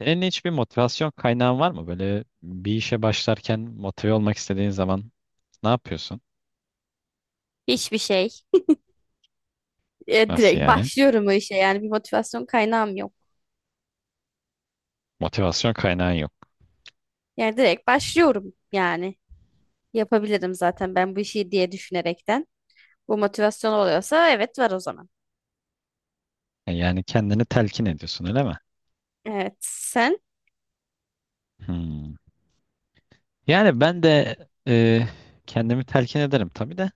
Senin hiçbir motivasyon kaynağın var mı? Böyle bir işe başlarken motive olmak istediğin zaman ne yapıyorsun? Hiçbir şey. Nasıl Direkt yani? başlıyorum o işe yani bir motivasyon kaynağım yok. Motivasyon kaynağın yok. Yani direkt başlıyorum yani. Yapabilirim zaten ben bu işi diye düşünerekten. Bu motivasyon oluyorsa evet var o zaman. Yani kendini telkin ediyorsun, öyle mi? Evet, sen? Hmm. Yani ben de e, kendimi telkin ederim tabii de.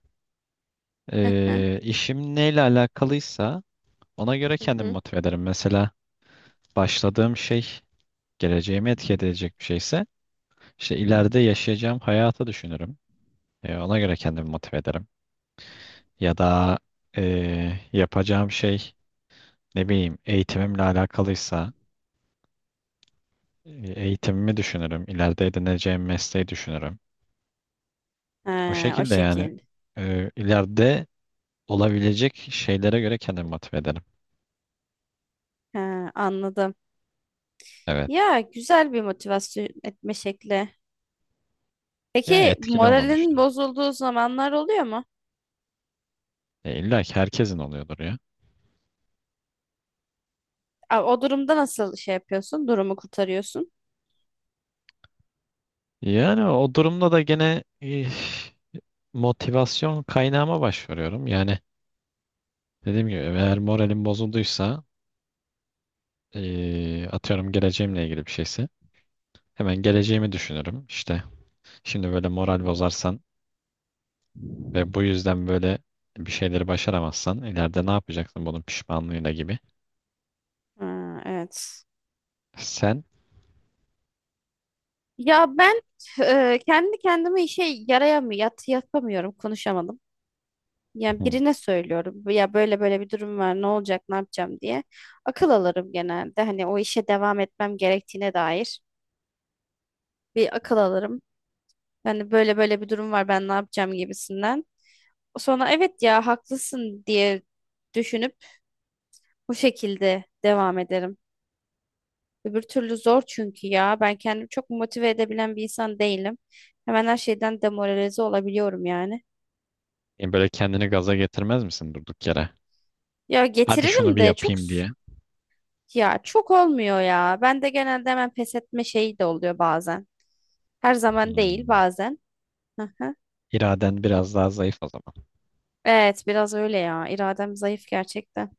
Hı hı. İşim neyle alakalıysa ona göre Hı kendimi hı. motive ederim. Mesela başladığım şey geleceğimi etki edecek bir şeyse işte ileride yaşayacağım hayatı düşünürüm. Ona göre kendimi motive ederim. Ya da yapacağım şey, ne bileyim, eğitimimle alakalıysa e, eğitimimi düşünürüm. İleride edineceğim mesleği düşünürüm. O Ha, o şekilde yani şekil. İleride olabilecek şeylere göre kendimi motive ederim. Ha, anladım. Evet. Ya güzel bir motivasyon etme şekli. Ya, Peki etkili olduğunu moralin düşünüyorum. bozulduğu zamanlar oluyor mu? İlla ki herkesin oluyordur ya. Aa, o durumda nasıl şey yapıyorsun? Durumu kurtarıyorsun. Yani o durumda da gene motivasyon kaynağıma başvuruyorum. Yani, dediğim gibi, eğer moralim bozulduysa atıyorum geleceğimle ilgili bir şeyse hemen geleceğimi düşünürüm. İşte, şimdi böyle moral bozarsan ve bu yüzden böyle bir şeyleri başaramazsan ileride ne yapacaksın, bunun pişmanlığıyla gibi. Ha, evet. Sen Ya ben kendi kendime işe yarayamıyorum, yat, yapamıyorum, konuşamadım. Yani hmm, birine söylüyorum. Ya böyle böyle bir durum var, ne olacak, ne yapacağım diye. Akıl alırım genelde. Hani o işe devam etmem gerektiğine dair bir akıl alırım. Yani böyle böyle bir durum var, ben ne yapacağım gibisinden. Sonra evet ya haklısın diye düşünüp bu şekilde devam ederim. Öbür türlü zor çünkü ya ben kendimi çok motive edebilen bir insan değilim. Hemen her şeyden demoralize olabiliyorum yani. yani böyle kendini gaza getirmez misin durduk yere? Ya Hadi şunu getiririm bir de çok yapayım diye. ya çok olmuyor ya. Ben de genelde hemen pes etme şeyi de oluyor bazen. Her zaman değil, Hmm. bazen. Hı hı. İraden biraz daha zayıf o zaman. Evet, biraz öyle ya. İradem zayıf gerçekten.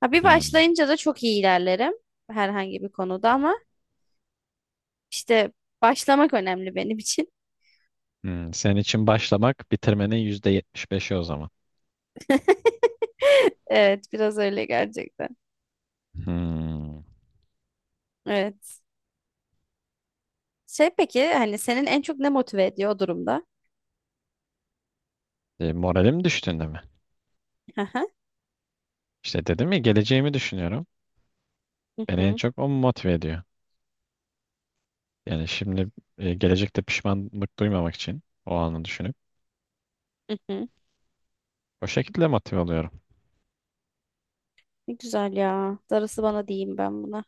Ha, bir Hmm. başlayınca da çok iyi ilerlerim herhangi bir konuda ama işte başlamak önemli benim için. Senin için başlamak bitirmenin %75'i o zaman. Evet, biraz öyle gerçekten. Hmm. Evet. Şey, peki hani senin en çok ne motive ediyor o durumda? Moralim düştüğünde mi? Hı hı. İşte dedim ya, geleceğimi düşünüyorum. Hı Beni en hı. çok o motive ediyor. Yani şimdi, gelecekte pişmanlık duymamak için o anı düşünüp. Hı hı. O şekilde motive oluyorum. Ne güzel ya. Darısı bana diyeyim ben buna.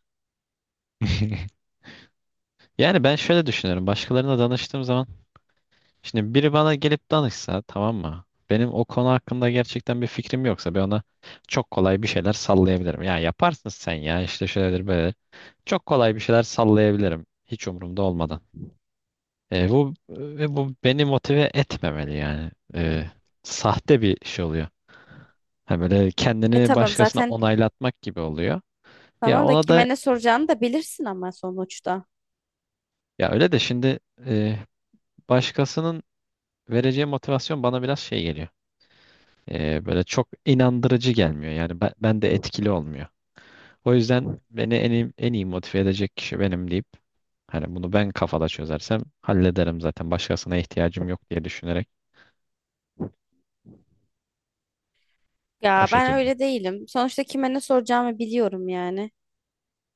Yani ben şöyle düşünüyorum. Başkalarına danıştığım zaman, şimdi biri bana gelip danışsa, tamam mı? Benim o konu hakkında gerçekten bir fikrim yoksa, ben ona çok kolay bir şeyler sallayabilirim. Ya yaparsın sen, ya işte şöyledir böyle. Çok kolay bir şeyler sallayabilirim hiç umurumda olmadan. Bu ve bu beni motive etmemeli yani. Sahte bir şey oluyor. Ha, böyle E kendini tamam başkasına zaten. onaylatmak gibi oluyor. Ya Tamam da ona da, kime ne soracağını da bilirsin ama sonuçta. ya öyle de şimdi e, başkasının vereceği motivasyon bana biraz şey geliyor. Böyle çok inandırıcı gelmiyor. Yani ben de etkili olmuyor. O yüzden beni en iyi motive edecek kişi benim deyip, hani bunu ben kafada çözersem hallederim zaten. Başkasına ihtiyacım yok diye düşünerek, o Ya ben şekilde. öyle değilim. Sonuçta kime ne soracağımı biliyorum yani.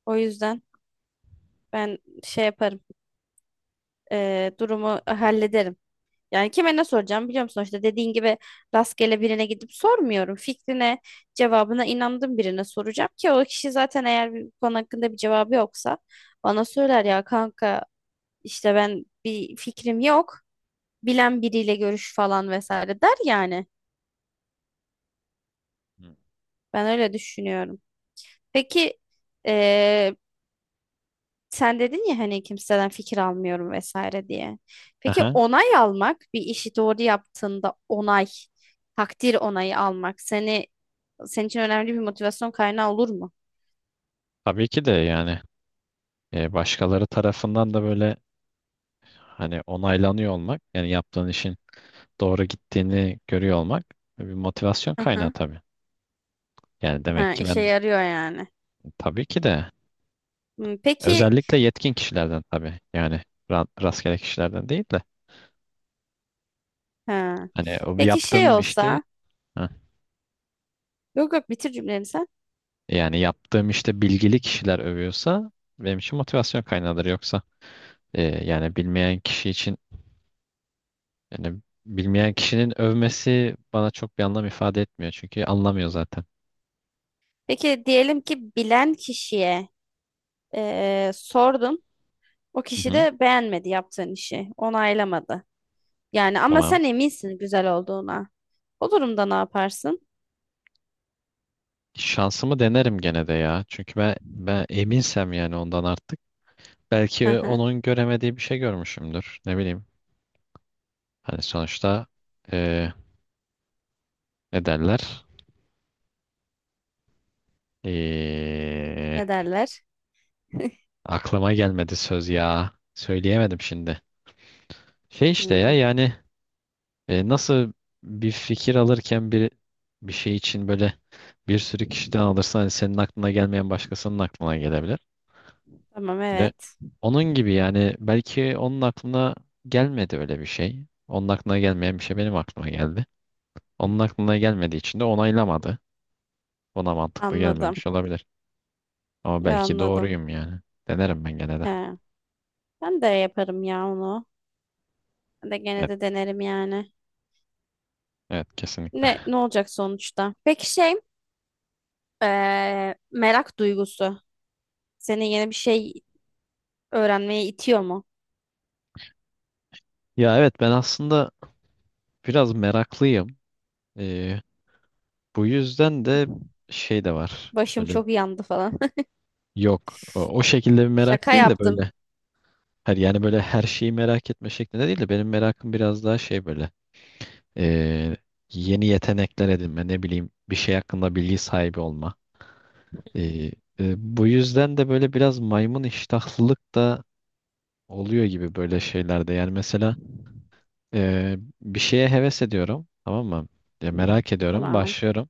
O yüzden. Ben şey yaparım. Durumu hallederim. Yani kime ne soracağım biliyor musun? İşte dediğin gibi rastgele birine gidip sormuyorum. Fikrine, cevabına inandığım birine soracağım ki o kişi zaten eğer bir konu hakkında bir cevabı yoksa bana söyler, ya kanka işte ben bir fikrim yok. Bilen biriyle görüş falan vesaire der yani. Hı. Ben öyle düşünüyorum. Peki eee, sen dedin ya hani kimseden fikir almıyorum vesaire diye. Peki Aha, onay almak, bir işi doğru yaptığında onay, takdir onayı almak seni, senin için önemli bir motivasyon kaynağı olur mu? tabii ki de, yani başkaları tarafından da böyle, hani, onaylanıyor olmak, yani yaptığın işin doğru gittiğini görüyor olmak bir motivasyon Hı kaynağı hı. tabii. Yani Ha, demek ki işe ben yarıyor yani. tabii ki de. Hmm, peki Özellikle yetkin kişilerden tabii. Yani rastgele kişilerden değil de. ha. Hani o Peki şey yaptığım işte. olsa, Heh. yok yok bitir cümleni sen. Yani yaptığım işte bilgili kişiler övüyorsa benim için motivasyon kaynağıdır. Yoksa, yani bilmeyen kişi için, yani bilmeyen kişinin övmesi bana çok bir anlam ifade etmiyor. Çünkü anlamıyor zaten. Peki diyelim ki bilen kişiye sordun. O Hı kişi hı. de beğenmedi yaptığın işi. Onaylamadı. Yani ama Tamam. sen eminsin güzel olduğuna. O durumda ne yaparsın? Şansımı denerim gene de ya. Çünkü ben eminsem yani ondan artık. Belki Aha, onun göremediği bir şey görmüşümdür. Ne bileyim. Hani sonuçta, e, ne derler? ne Ee, derler? Aklıma gelmedi söz ya. Söyleyemedim şimdi. Şey, işte, ya, Hmm, yani nasıl bir fikir alırken, bir şey için böyle bir sürü kişiden alırsan, hani senin aklına gelmeyen başkasının aklına gelebilir. tamam Böyle, evet. onun gibi yani, belki onun aklına gelmedi öyle bir şey. Onun aklına gelmeyen bir şey benim aklıma geldi. Onun aklına gelmediği için de onaylamadı. Ona mantıklı Anladım. gelmemiş olabilir. Ama belki Anladım. doğruyum yani. Denerim ben gene de. He. Ben de yaparım ya onu. Ben de gene Evet, de denerim yani. evet, kesinlikle. Ne ne olacak sonuçta? Peki şey, merak duygusu. Seni yeni bir şey öğrenmeye itiyor mu? Ya evet, ben aslında biraz meraklıyım. Ee, Bu yüzden de şey de var. Başım Böyle, çok yandı falan. yok, o şekilde bir merak Şaka değil de, yaptım. böyle her, yani böyle her şeyi merak etme şeklinde değil de, benim merakım biraz daha şey böyle, ee, yeni yetenekler edinme, ne bileyim, bir şey hakkında bilgi sahibi olma. Ee, Bu yüzden de böyle biraz maymun iştahlılık da oluyor gibi böyle şeylerde. Yani mesela, bir şeye heves ediyorum, tamam mı? Ya merak ediyorum, Tamam. başlıyorum.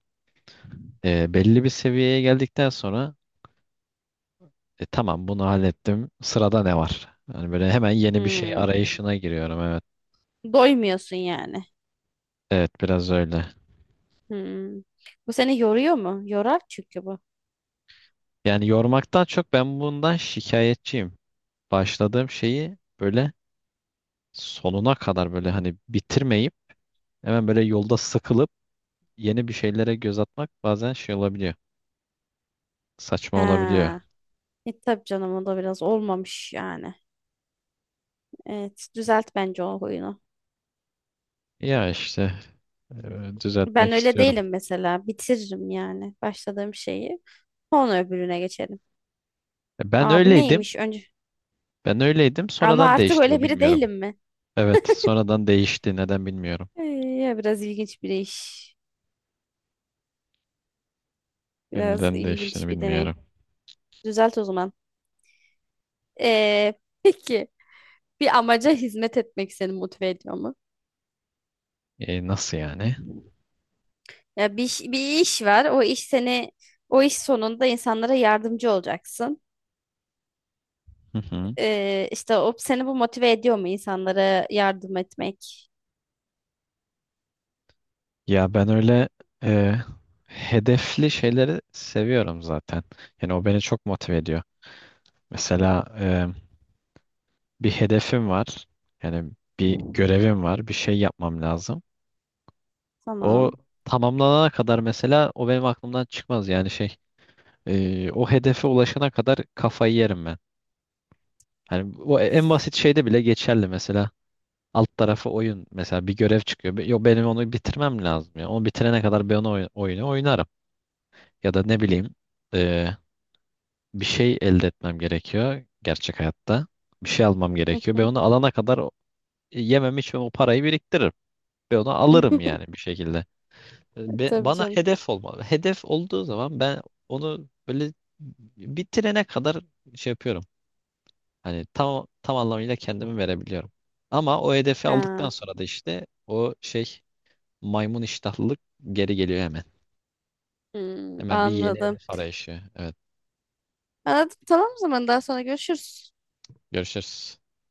Belli bir seviyeye geldikten sonra, Tamam, bunu hallettim. Sırada ne var?" Yani böyle hemen yeni bir şey Hmm. arayışına giriyorum. Evet. Doymuyorsun yani. Evet, biraz öyle. Hmm. Bu seni yoruyor mu? Yorar çünkü bu. Yani yormaktan çok ben bundan şikayetçiyim. Başladığım şeyi böyle sonuna kadar böyle, hani, bitirmeyip hemen böyle yolda sıkılıp yeni bir şeylere göz atmak bazen şey olabiliyor. Saçma olabiliyor. Ha. E tabii canım, o da biraz olmamış yani. Evet, düzelt bence o huyunu. Ya işte, Ben düzeltmek öyle istiyorum. değilim mesela. Bitiririm yani başladığım şeyi. Sonra öbürüne geçerim. Ben Aa, bu öyleydim. neymiş önce? Ben öyleydim. Ama Sonradan artık değişti öyle bu, biri bilmiyorum. değilim mi? Evet, sonradan değişti. Neden bilmiyorum. Ee, Ya biraz ilginç bir iş. Benim Biraz neden değiştiğini ilginç bir deneyim. bilmiyorum. Düzelt o zaman. Ee, peki bir amaca hizmet etmek seni motive ediyor mu? Nasıl yani? Ya bir, bir iş var. O iş seni, o iş sonunda insanlara yardımcı olacaksın. Hı hı. İşte o seni, bu motive ediyor mu insanlara yardım etmek? Ya ben öyle e, hedefli şeyleri seviyorum zaten. Yani o beni çok motive ediyor. Mesela bir hedefim var. Yani bir görevim var. Bir şey yapmam lazım. O Tamam. tamamlanana kadar mesela o benim aklımdan çıkmaz. Yani şey, o hedefe ulaşana kadar kafayı yerim ben. Hani o en basit şeyde bile geçerli. Mesela, alt tarafı oyun. Mesela bir görev çıkıyor. Yo, benim onu bitirmem lazım ya. Onu bitirene kadar ben o oyunu oynarım. Ya da ne bileyim, e, bir şey elde etmem gerekiyor gerçek hayatta. Bir şey almam gerekiyor. Ben onu alana kadar yemem içmem, o parayı biriktiririm. Ben onu alırım yani bir şekilde. Tabii Bana canım. hedef olmalı. Hedef olduğu zaman ben onu böyle bitirene kadar şey yapıyorum. Hani tam anlamıyla kendimi verebiliyorum. Ama o hedefi aldıktan Ha. sonra da işte o şey, maymun iştahlılık geri geliyor hemen. Hmm, Hemen bir yeni anladım. hedef arayışı. Evet. Anladım. Tamam, o zaman daha sonra görüşürüz. Görüşürüz.